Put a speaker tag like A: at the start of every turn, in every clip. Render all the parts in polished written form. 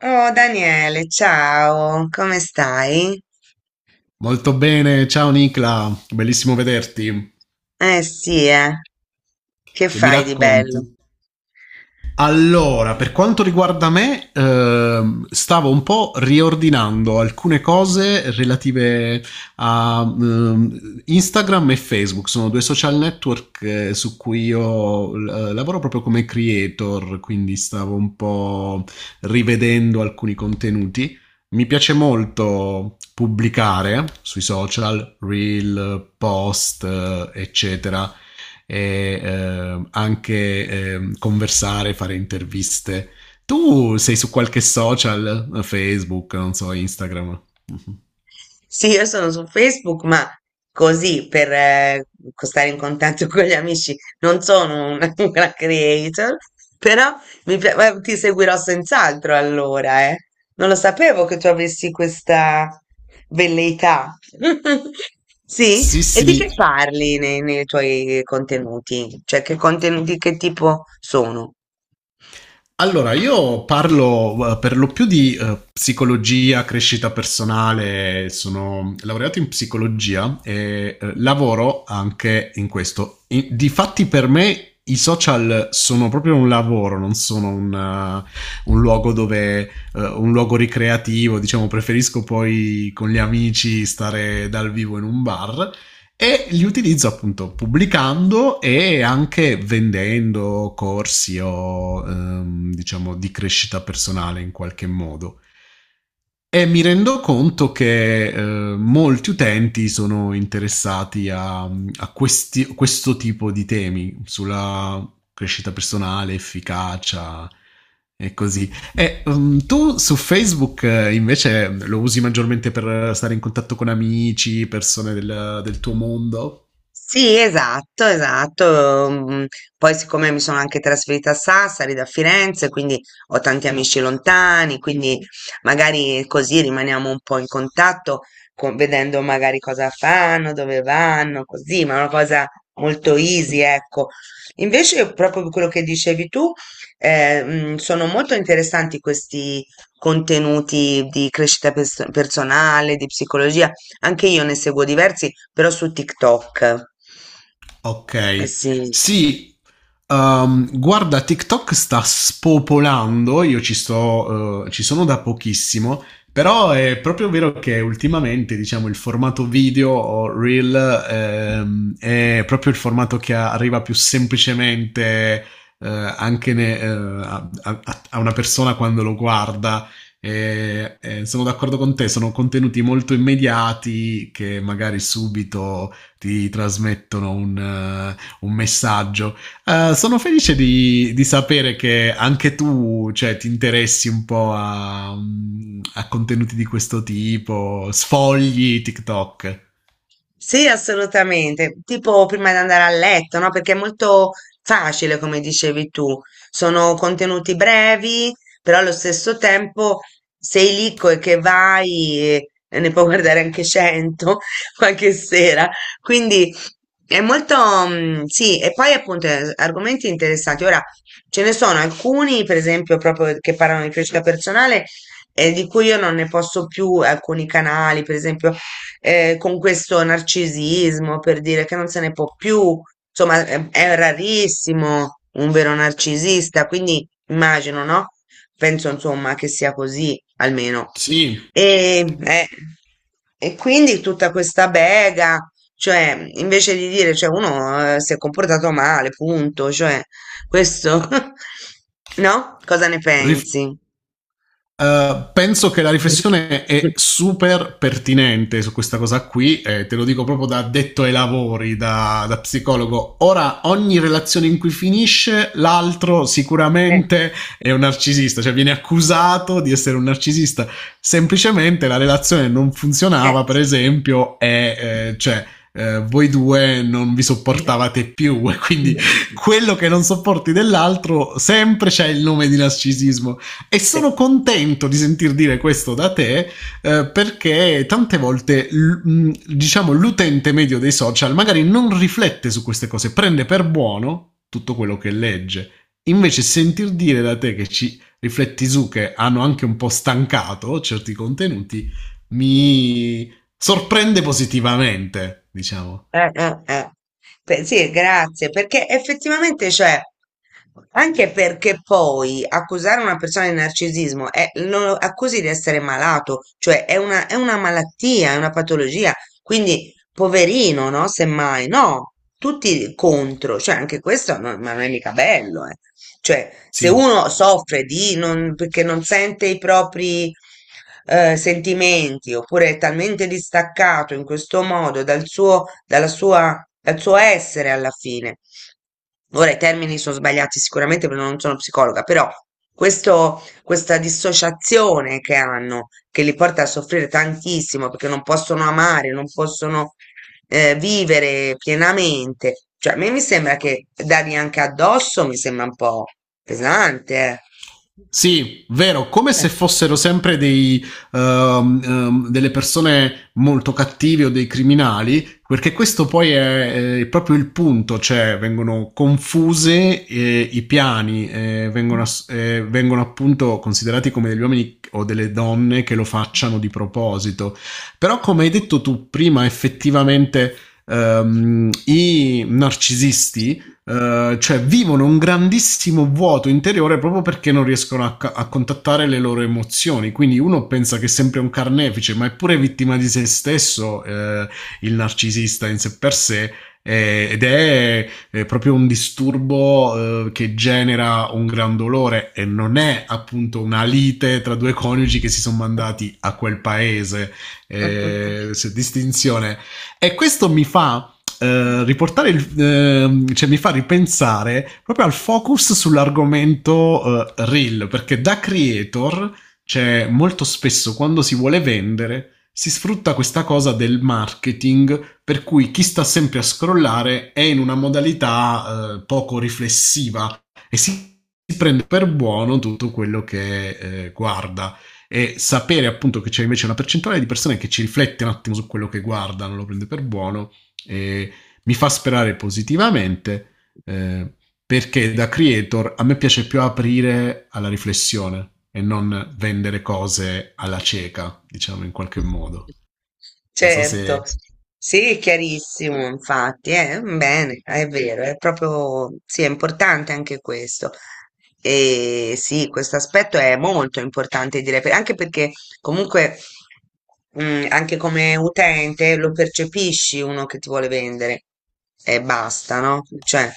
A: Oh Daniele, ciao, come stai?
B: Molto bene, ciao Nicla, bellissimo vederti.
A: Eh sì, che
B: Che mi
A: fai di bello?
B: racconti? Allora, per quanto riguarda me, stavo un po' riordinando alcune cose relative a Instagram e Facebook, sono due social network su cui io lavoro proprio come creator, quindi stavo un po' rivedendo alcuni contenuti. Mi piace molto pubblicare sui social, reel, post, eccetera e anche conversare, fare interviste. Tu sei su qualche social, Facebook, non so, Instagram? Mhm.
A: Sì, io sono su Facebook, ma così per stare in contatto con gli amici. Non sono una, una creator, però ti seguirò senz'altro allora, eh. Non lo sapevo che tu avessi questa velleità. Sì,
B: Sì,
A: e di che
B: sì.
A: parli nei tuoi contenuti? Cioè, che contenuti, che tipo sono?
B: Allora, io parlo per lo più di psicologia, crescita personale, sono laureato in psicologia e lavoro anche in questo. Difatti per me i social sono proprio un lavoro, non sono un, un luogo dove, un luogo ricreativo, diciamo, preferisco poi con gli amici stare dal vivo in un bar e li utilizzo appunto pubblicando e anche vendendo corsi o diciamo di crescita personale in qualche modo. E mi rendo conto che molti utenti sono interessati a questo tipo di temi sulla crescita personale, efficacia e così e, tu su Facebook invece lo usi maggiormente per stare in contatto con amici, persone del tuo mondo?
A: Sì, esatto, esatto. Poi siccome mi sono anche trasferita a Sassari da Firenze, quindi ho tanti amici lontani, quindi magari così rimaniamo un po' in contatto, vedendo magari cosa fanno, dove vanno, così, ma è una cosa molto easy, ecco. Invece, proprio quello che dicevi tu, sono molto interessanti questi contenuti di crescita personale, di psicologia, anche io ne seguo diversi, però su TikTok. Eh
B: Ok.
A: sì.
B: Sì, ehm, guarda, TikTok sta spopolando, io ci sto, ci sono da pochissimo, però è proprio vero che ultimamente, diciamo, il formato video o reel, è proprio il formato che arriva più semplicemente, eh, anche a una persona quando lo guarda. E, sono d'accordo con te, sono contenuti molto immediati che magari subito ti trasmettono un messaggio. Sono felice sapere che anche tu cioè, ti interessi un po' contenuti di questo tipo, sfogli TikTok.
A: Sì, assolutamente. Tipo prima di andare a letto, no? Perché è molto facile, come dicevi tu. Sono contenuti brevi, però allo stesso tempo sei lì e che vai e ne puoi guardare anche 100 qualche sera. Quindi è molto, sì, e poi appunto argomenti interessanti. Ora ce ne sono alcuni, per esempio, proprio che parlano di crescita personale. E di cui io non ne posso più alcuni canali, per esempio, con questo narcisismo per dire che non se ne può più, insomma, è rarissimo un vero narcisista, quindi immagino, no? Penso, insomma, che sia così, almeno.
B: Sì.
A: E, eh, e quindi tutta questa bega, cioè, invece di dire, cioè, uno, si è comportato male, punto, cioè, questo, no? Cosa ne
B: Rif-
A: pensi?
B: Penso che la
A: Mm.
B: riflessione è super pertinente su questa cosa qui, te lo dico proprio da detto ai lavori, da psicologo. Ora, ogni relazione in cui finisce, l'altro
A: Eh,
B: sicuramente è un narcisista, cioè viene accusato di essere un narcisista. Semplicemente la relazione non funzionava, per esempio, e eh, cioè. Voi due non vi sopportavate più e quindi quello che non sopporti dell'altro sempre c'è il nome di narcisismo e
A: eh.
B: sono contento di sentir dire questo da te perché tante volte diciamo l'utente medio dei social magari non riflette su queste cose, prende per buono tutto quello che legge. Invece sentir dire da te che ci rifletti su che hanno anche un po' stancato certi contenuti mi sorprende positivamente, diciamo.
A: Eh. Beh, sì, grazie, perché effettivamente, cioè, anche perché poi accusare una persona di narcisismo lo accusi di essere malato, cioè è una malattia, è una patologia, quindi poverino, no? Semmai, no, tutti contro, cioè anche questo non, ma non è mica bello, eh. Cioè, se
B: Sì.
A: uno soffre di non, perché non sente i propri sentimenti, oppure è talmente distaccato in questo modo dal suo, dalla sua, dal suo essere alla fine. Ora i termini sono sbagliati sicuramente perché non sono psicologa, però questo questa dissociazione che hanno, che li porta a soffrire tantissimo perché non possono amare, non possono vivere pienamente. Cioè, a me mi sembra che dargli anche addosso mi sembra un po' pesante.
B: Sì, vero, come se fossero sempre dei, delle persone molto cattive o dei criminali, perché questo poi è, proprio il punto, cioè vengono confuse i piani, vengono, vengono appunto considerati come degli uomini o delle donne che lo facciano di proposito. Però come hai detto tu prima, effettivamente i narcisisti cioè vivono un grandissimo vuoto interiore proprio perché non riescono a contattare le loro emozioni. Quindi uno pensa che è sempre un carnefice, ma è pure vittima di se stesso il narcisista in sé per sé. Ed è proprio un disturbo che genera un gran dolore e non è appunto una lite tra due coniugi che si sono mandati a quel paese,
A: Eh.
B: distinzione. E questo mi fa riportare il, cioè mi fa ripensare proprio al focus sull'argomento reel, perché da creator, cioè molto spesso quando si vuole vendere, si sfrutta questa cosa del marketing, per cui chi sta sempre a scrollare è in una modalità poco riflessiva e si prende per buono tutto quello che guarda e sapere appunto che c'è invece una percentuale di persone che ci riflette un attimo su quello che guarda, non lo prende per buono e, mi fa sperare positivamente eh, perché da creator a me piace più aprire alla riflessione e non vendere cose alla cieca, diciamo in qualche modo. Non so
A: Certo,
B: se...
A: sì, è chiarissimo, infatti, bene, è vero, è proprio, sì, è importante anche questo. E sì, questo aspetto è molto importante, direi, anche perché comunque, anche come utente lo percepisci uno che ti vuole vendere e basta, no? Cioè,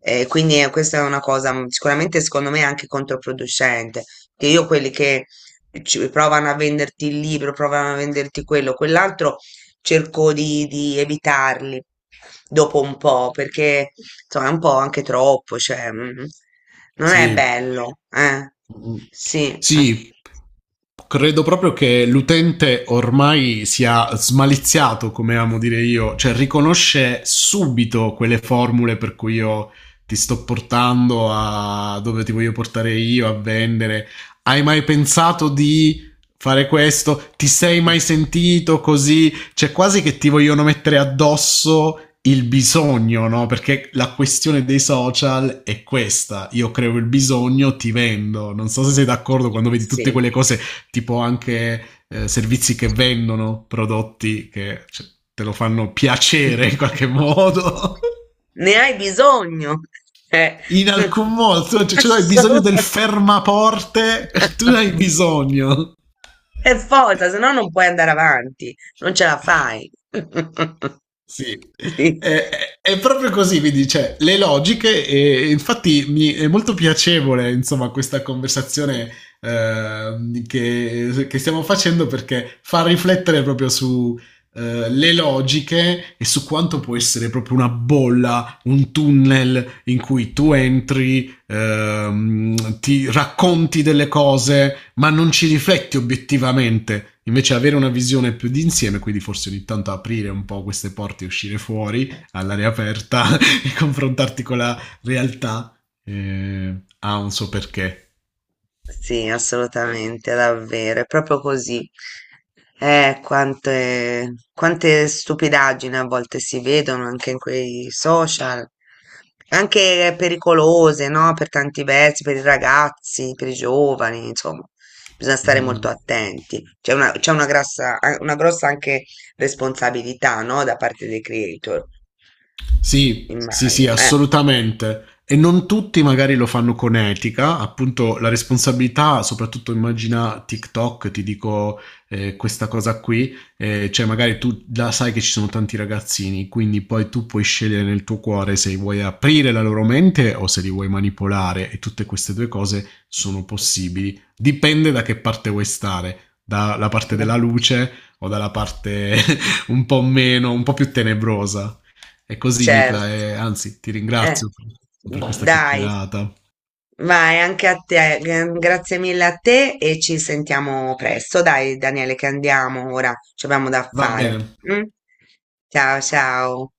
A: questa è una cosa sicuramente secondo me anche controproducente, che io quelli che provano a venderti il libro, provano a venderti quello, quell'altro, cerco di evitarli dopo un po', perché insomma è un po' anche troppo, cioè non è
B: Sì,
A: bello, eh?
B: mm.
A: Sì, an-
B: Sì, credo proprio che l'utente ormai sia smaliziato, come amo dire io, cioè riconosce subito quelle formule per cui io ti sto portando a dove ti voglio portare io a vendere. Hai mai pensato di fare questo? Ti sei
A: mm,
B: mai sentito così? C'è quasi che ti vogliono mettere addosso il bisogno, no? Perché la questione dei social è questa. Io creo il bisogno, ti vendo. Non so se sei d'accordo quando vedi tutte
A: sì.
B: quelle cose, tipo anche servizi che vendono prodotti che cioè, te lo fanno
A: Mm.
B: piacere in qualche modo.
A: Ne hai bisogno, eh,
B: In alcun modo, cioè tu hai bisogno del
A: assolutamente.
B: fermaporte, tu ne hai bisogno.
A: Per forza, se no non puoi andare avanti, non ce la fai.
B: Sì,
A: Sì.
B: è, è- è proprio così, quindi cioè, le logiche e infatti mi è molto piacevole insomma questa conversazione che stiamo facendo perché fa riflettere proprio su le logiche e su quanto può essere proprio una bolla, un tunnel in cui tu entri ti racconti delle cose, ma non ci rifletti obiettivamente. Invece avere una visione più d'insieme, quindi forse ogni tanto aprire un po' queste porte e uscire fuori all'aria aperta e confrontarti con la realtà ha un suo perché.
A: Sì, assolutamente, davvero, è proprio così. Quante stupidaggini a volte si vedono anche in quei social, anche pericolose, no? Per tanti versi, per i ragazzi, per i giovani, insomma, bisogna stare molto attenti. C'è una una grossa anche responsabilità, no? Da parte dei creator,
B: Sì, sì, sì,
A: immagino.
B: assolutamente. E non tutti magari lo fanno con etica, appunto la responsabilità, soprattutto immagina TikTok, ti dico questa cosa qui, cioè magari tu la sai che ci sono tanti ragazzini, quindi poi tu puoi scegliere nel tuo cuore se vuoi aprire la loro mente o se li vuoi manipolare e tutte queste due cose sono possibili. Dipende da che parte vuoi stare, dalla parte della luce o dalla parte un po' meno, un po' più tenebrosa. È così,
A: Certo,
B: Nicla, e anzi, ti
A: eh,
B: ringrazio per questa
A: dai.
B: chiacchierata.
A: Vai, anche a te. Grazie mille a te e ci sentiamo presto. Dai, Daniele, che andiamo ora, ci abbiamo da
B: Va
A: fare.
B: bene.
A: Mm? Ciao, ciao.